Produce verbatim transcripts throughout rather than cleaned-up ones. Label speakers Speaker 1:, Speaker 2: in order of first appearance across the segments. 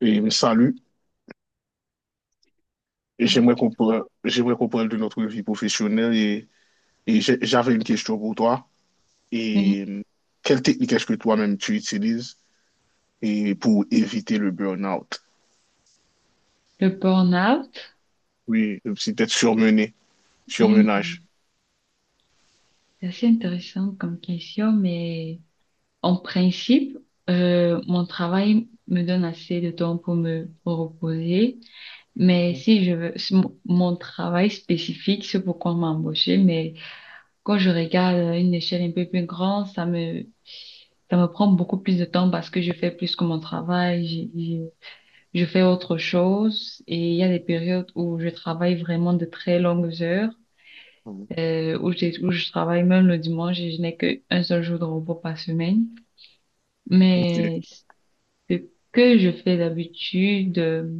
Speaker 1: Et me salue. Et
Speaker 2: Oui,
Speaker 1: j'aimerais qu'on parle, j'aimerais qu'on parle de notre vie professionnelle. Et, et j'ai- j'avais une question pour toi.
Speaker 2: oui.
Speaker 1: Et euh, Quelle technique est-ce que toi-même tu utilises et pour éviter le burn-out?
Speaker 2: Le burn-out,
Speaker 1: Oui, c'est peut surmené,
Speaker 2: hmm,
Speaker 1: surmenage.
Speaker 2: c'est assez intéressant comme question, mais en principe, euh, mon travail me donne assez de temps pour me reposer. Mais si je veux, si mon mon travail spécifique, c'est pourquoi on m'a embauché, mais quand je regarde à une échelle un peu plus grande, ça me, ça me prend beaucoup plus de temps parce que je fais plus que mon travail, j'ai- j'ai- je fais autre chose et il y a des périodes où je travaille vraiment de très longues heures,
Speaker 1: Mhm.
Speaker 2: euh, où j'ai- où je travaille même le dimanche et je n'ai qu'un seul jour de repos par semaine.
Speaker 1: Ok.
Speaker 2: Mais ce que je fais d'habitude, euh,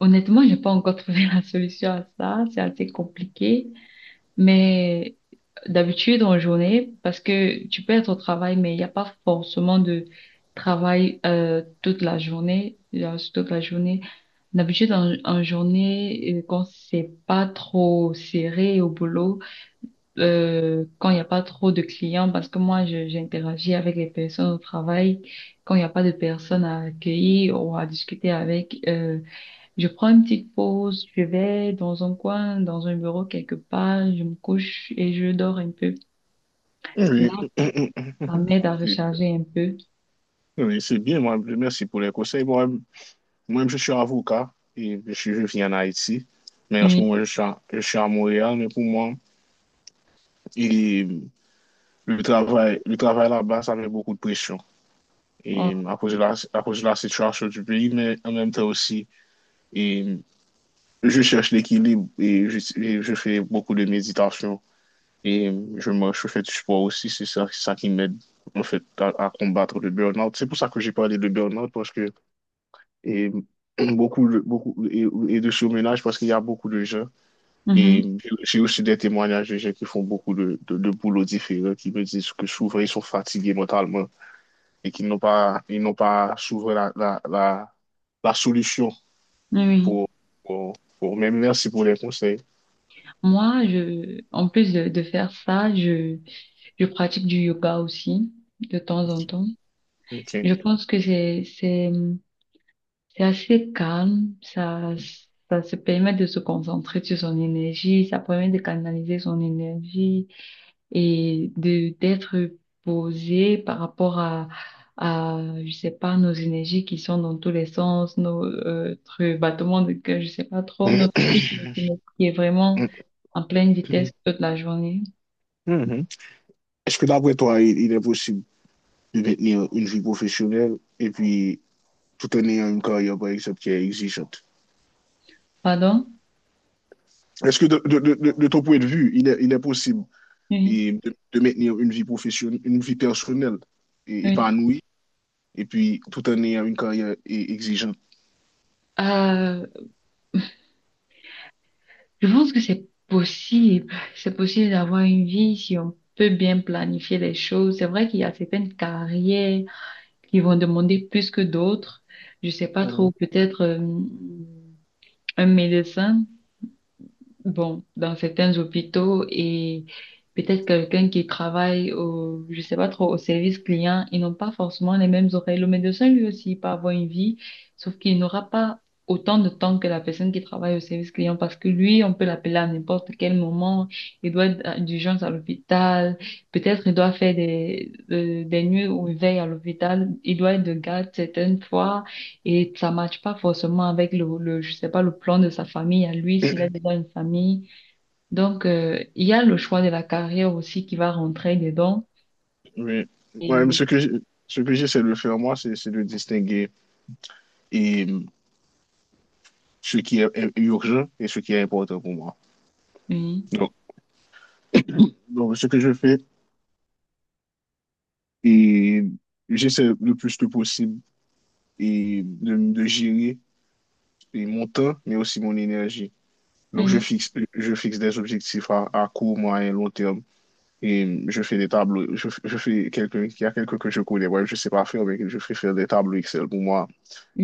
Speaker 2: honnêtement, j'ai pas encore trouvé la solution à ça. C'est assez compliqué. Mais d'habitude, en journée, parce que tu peux être au travail, mais il n'y a pas forcément de travail euh, toute la journée, euh, toute la journée. D'habitude, en, en journée, euh, quand c'est pas trop serré au boulot, euh, quand il n'y a pas trop de clients, parce que moi, je- j'interagis avec les personnes au travail. Quand il n'y a pas de personnes à accueillir ou à discuter avec, euh, je prends une petite pause, je vais dans un coin, dans un bureau quelque part, je me couche et je dors un peu.
Speaker 1: Oui,
Speaker 2: Là, ça m'aide à
Speaker 1: C'est-
Speaker 2: recharger un peu.
Speaker 1: oui, c'est bien, moi, merci pour les conseils. Moi, même moi même je suis avocat et je, suis- je vis en Haïti, mais en ce
Speaker 2: Oui.
Speaker 1: moment, je suis à, je suis à Montréal. Mais pour moi, Le travail, le travail là-bas, ça met beaucoup de pression.
Speaker 2: Oh.
Speaker 1: Et à cause de la, à cause de la situation du pays, mais en même temps aussi, et je cherche l'équilibre et je, et je fais beaucoup de méditation. Et je marche, je fais du sport aussi. C'est ça, c'est ça qui m'aide, en fait, à, à combattre le burn-out. C'est pour ça que j'ai parlé de burn-out, parce que et, beaucoup, de- beaucoup et, et de surménage, parce qu'il y a beaucoup de gens. Et
Speaker 2: Mhm.
Speaker 1: j'ai aussi des témoignages de gens qui font beaucoup de, de, de boulot différents, qui me disent que souvent, ils sont fatigués mentalement et qu'ils n'ont pas, ils n'ont pas trouvé la, la, la, la solution
Speaker 2: Oui, oui.
Speaker 1: pour, pour, pour- Mais merci pour les conseils.
Speaker 2: Moi, je, en plus de, de faire ça, je, je pratique du yoga aussi, de temps en temps.
Speaker 1: OK.
Speaker 2: Je pense que c'est, c'est, C'est assez calme, ça, ça se permet de se concentrer sur son énergie, ça permet de canaliser son énergie et de d'être posé par rapport à, à, je sais pas, nos énergies qui sont dans tous les sens, nos, euh, notre battement de cœur, je sais pas trop, notre rythme qui est vraiment en pleine vitesse toute la journée.
Speaker 1: Mhm. Est-ce que d'après toi, il, il est possible de maintenir une vie professionnelle et puis tout en ayant une carrière, par exemple, qui est exigeante?
Speaker 2: Pardon?
Speaker 1: Est-ce que de, de, de, de- de ton point de vue, il est, il est possible
Speaker 2: Oui,
Speaker 1: et, de, de maintenir une vie professionnelle, une vie personnelle et
Speaker 2: oui.
Speaker 1: épanouie et puis tout en ayant une carrière et- exigeante?
Speaker 2: Euh, Je pense que c'est possible. C'est possible d'avoir une vie si on peut bien planifier les choses. C'est vrai qu'il y a certaines carrières qui vont demander plus que d'autres. Je sais pas trop, peut-être euh, un médecin bon, dans certains hôpitaux et peut-être quelqu'un qui travaille au, je sais pas trop, au service client, ils n'ont pas forcément les mêmes oreilles. Le médecin, lui aussi, il peut avoir une vie, sauf qu'il n'aura pas autant de temps que la personne qui travaille au service client parce que lui, on peut l'appeler à n'importe quel moment. Il doit être d'urgence à l'hôpital. Peut-être il doit faire des, euh, des nuits où il veille à l'hôpital. Il doit être de garde certaines fois. Et ça matche pas forcément avec le, le, je sais pas, le plan de sa famille à lui, s'il a déjà une famille. Donc, euh, il y a le choix de la carrière aussi qui va rentrer dedans.
Speaker 1: Oui. Ouais, mais
Speaker 2: Et
Speaker 1: ce que, j- ce que j'essaie de faire, moi, c'est c'est de distinguer et, hum, ce qui est est urgent et ce qui est important pour moi.
Speaker 2: oui,
Speaker 1: Donc, donc, ce que je fais, et j'essaie le plus que possible et de, de gérer et mon temps, mais aussi mon énergie. Donc, je
Speaker 2: oui,
Speaker 1: fixe, je fixe des objectifs à, à court, moyen, long terme. Et hum, je fais des tableaux. Je, je fais quelqu'un, il y a quelqu'un que je connais, ouais, je sais pas faire, mais je fais faire des tableaux Excel pour moi,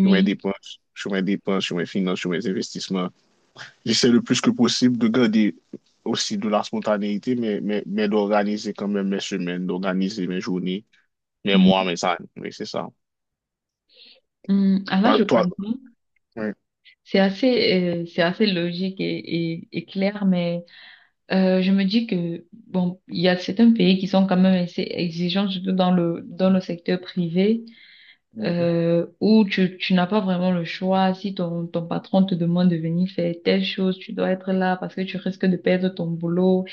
Speaker 1: sur mes dépenses, sur mes dépenses, sur mes finances, sur mes investissements. J'essaie le plus que possible de garder aussi de la spontanéité, mais, mais, mais d'organiser quand même mes semaines, d'organiser mes journées, mes mois,
Speaker 2: Mhm,
Speaker 1: mes années. Oui, c'est ça.
Speaker 2: mhm. Ah là,
Speaker 1: Toi,
Speaker 2: je
Speaker 1: toi-
Speaker 2: comprends.
Speaker 1: ouais.
Speaker 2: C'est assez, euh, c'est assez logique et, et, et clair, mais euh, je me dis que, bon, il y a certains pays qui sont quand même assez exigeants, surtout dans le, dans le secteur privé,
Speaker 1: Mhm.
Speaker 2: euh, où tu, tu n'as pas vraiment le choix. Si ton, ton patron te demande de venir faire telle chose, tu dois être là parce que tu risques de perdre ton boulot.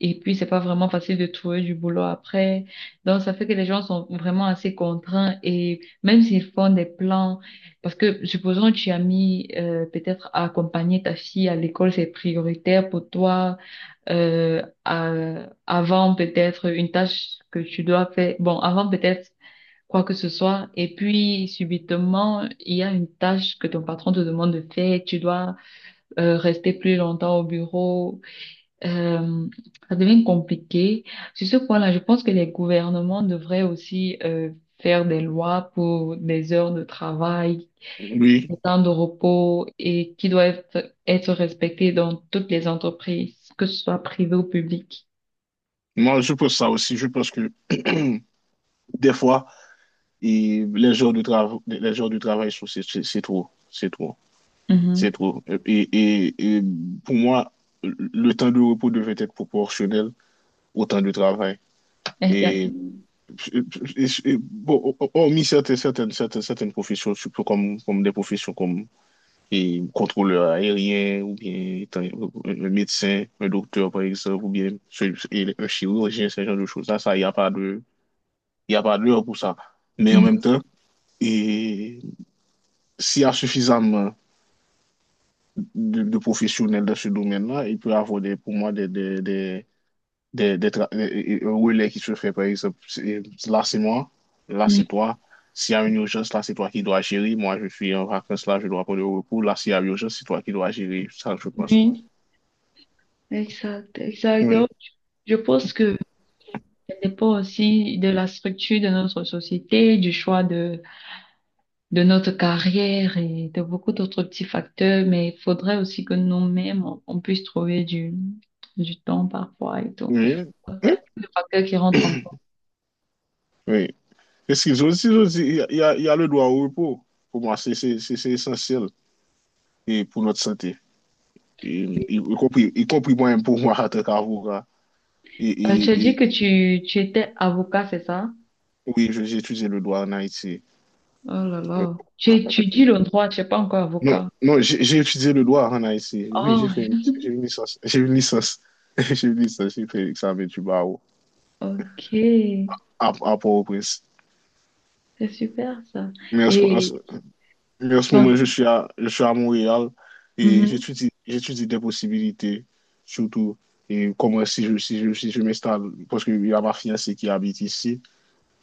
Speaker 2: Et puis, c'est pas vraiment facile de trouver du boulot après. Donc, ça fait que les gens sont vraiment assez contraints et même s'ils font des plans, parce que supposons que tu as mis euh, peut-être à accompagner ta fille à l'école, c'est prioritaire pour toi euh, à- avant peut-être une tâche que tu dois faire. Bon, avant peut-être quoi que ce soit. Et puis, subitement, il y a une tâche que ton patron te demande de faire. Tu dois euh, rester plus longtemps au bureau. Euh, ça devient compliqué. Sur ce point-là, je pense que les gouvernements devraient aussi euh, faire des lois pour des heures de travail,
Speaker 1: Oui,
Speaker 2: des temps de repos et qui doivent être respectées dans toutes les entreprises, que ce soit privées ou publiques.
Speaker 1: moi, je pense ça aussi. Je pense que des fois, et les jours de travail, les jours du travail, sont- c'est c'est- c'est trop. C'est trop. C'est
Speaker 2: Mhm.
Speaker 1: trop. Et, et, et pour moi, le temps de repos devait être proportionnel au temps de travail.
Speaker 2: Exact.
Speaker 1: Et- et- Bon, hormis certaines, certaines, certaines, certaines professions, surtout comme, comme des professions comme et, contrôleur aérien, ou bien étant- un médecin, un docteur, par exemple, ou bien ce- et un chirurgien, ce genre de choses-là, ça, il n'y a pas de, il y a pas d'heure pour ça. Mais en même
Speaker 2: Mhm.
Speaker 1: temps, et s'il y a suffisamment de, de professionnels dans ce domaine-là, il peut y avoir des, pour moi des, des, des, des, des tra- des- des relais qui se fait, par exemple, c'est- là c'est moi, là
Speaker 2: Oui,
Speaker 1: c'est toi. S'il y a une urgence, là c'est toi qui dois gérer. Moi, je suis en vacances, là je dois prendre le repos. Là, s'il y a une urgence, c'est toi qui dois gérer. Ça, je pense.
Speaker 2: oui, exact, exact.
Speaker 1: Oui,
Speaker 2: Donc, je pense que ça dépend aussi de la structure de notre société, du choix de, de notre carrière et de beaucoup d'autres petits facteurs, mais il faudrait aussi que nous-mêmes, on, on puisse trouver du, du temps parfois et tout.
Speaker 1: oui,
Speaker 2: Il y a
Speaker 1: oui.
Speaker 2: plein de facteurs qui rentrent en compte.
Speaker 1: oui. Parce qu'ils ont aussi, ils ont aussi- il y a, il y a il y a le droit au repos. Pour moi, c'est c'est- c'est- c'est essentiel et pour notre santé. Et, y, y compris, y compris moi-même pour moi, en tant qu'avocat. Et,
Speaker 2: Euh, tu as
Speaker 1: et,
Speaker 2: dit
Speaker 1: et
Speaker 2: que tu, tu étais avocat, c'est ça?
Speaker 1: oui, je- j'ai utilisé le droit en Haïti.
Speaker 2: Oh là là. Tu étudies
Speaker 1: Oui.
Speaker 2: le droit, tu n'es pas encore
Speaker 1: Non,
Speaker 2: avocat.
Speaker 1: non, j'ai j'ai étudié le droit en Haïti. Oui, j'ai
Speaker 2: Oh,
Speaker 1: fait une, j'ai une licence. J'ai une licence. J'ai une licence, j'ai fait l'examen du barreau
Speaker 2: ok.
Speaker 1: à, à Port-au-Prince.
Speaker 2: C'est super ça.
Speaker 1: Mais en ce, en
Speaker 2: Et
Speaker 1: ce- mais en ce
Speaker 2: toi?
Speaker 1: moment, je suis à, je suis à Montréal et j'étudie, j'étudie des possibilités, surtout et comment si je, si je, si je m'installe, parce qu'il y a ma fiancée qui habite ici.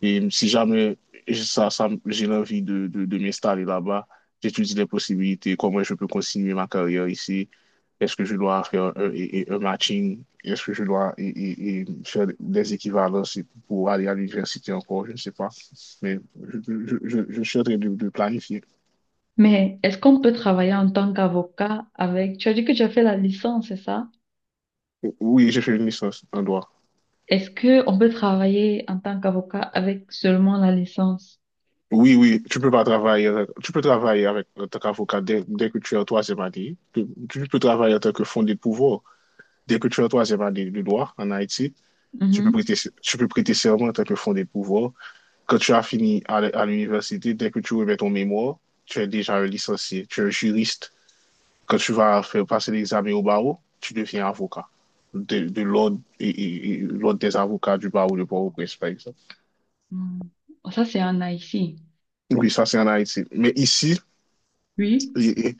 Speaker 1: Et si jamais ça, ça- j'ai l'envie de, de, de m'installer là-bas, j'étudie les possibilités, comment je peux continuer ma carrière ici. Est-ce que je dois faire un, et- et un matching? Est-ce que je dois et- et- et faire des équivalences et pour aller à l'université encore? Je ne sais pas. Mais je, je, je, je suis en train de, de planifier.
Speaker 2: Mais est-ce qu'on peut travailler en tant qu'avocat avec... Tu as dit que tu as fait la licence, c'est ça?
Speaker 1: Oui, j'ai fait une licence en droit.
Speaker 2: Est-ce que on peut travailler en tant qu'avocat avec seulement la licence?
Speaker 1: Oui, oui, tu peux pas travailler, avec- tu peux travailler avec, en tant qu'avocat dès, dès que tu es en troisième année. Tu, tu peux travailler en tant que fondé de pouvoir. Dès que tu es en troisième année de droit en Haïti, tu peux
Speaker 2: Mhm.
Speaker 1: prêter, tu peux prêter serment en tant que fondé de pouvoir. Quand tu as fini à, l- à l'université, dès que tu remets ton mémoire, tu es déjà un licencié, tu es un juriste. Quand tu vas faire passer l'examen au barreau, tu deviens avocat de, de l'ordre et, et- et l'ordre des avocats du barreau de Port-au-Prince, par exemple.
Speaker 2: Hmm. Ça, c'est en Haïti.
Speaker 1: Oui, ça c'est en Haïti. Mais ici,
Speaker 2: Oui.
Speaker 1: et- et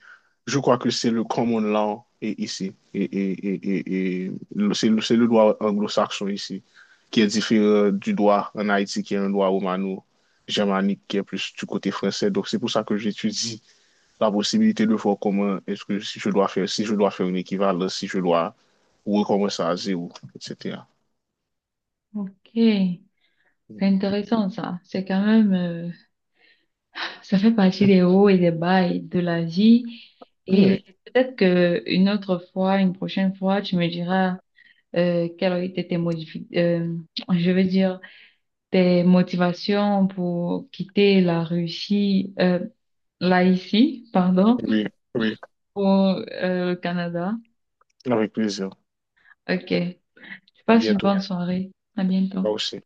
Speaker 1: je crois que c'est le common law et ici. Et, et, et, et, et le- c'est le, c'est le droit anglo-saxon ici qui est différent du droit en Haïti qui est un droit romano-germanique qui est plus du côté français. Donc c'est pour ça que j'étudie la possibilité de voir comment est-ce que si je dois faire, si je dois faire une équivalence, si je dois recommencer à zéro, et cétéra.
Speaker 2: Ok. C'est intéressant, ça. C'est quand même... euh, ça fait partie des hauts et des bas et de la vie. Et
Speaker 1: Oui,
Speaker 2: peut-être que une autre fois, une prochaine fois, tu me diras euh, quelles ont été tes modifications... je veux dire... tes motivations pour quitter la Russie, euh, là ici, pardon,
Speaker 1: oui, oui,
Speaker 2: pour euh, le Canada.
Speaker 1: avec plaisir.
Speaker 2: Ok.
Speaker 1: À
Speaker 2: Passe une
Speaker 1: bientôt.
Speaker 2: bonne soirée. À
Speaker 1: Moi
Speaker 2: bientôt.
Speaker 1: aussi.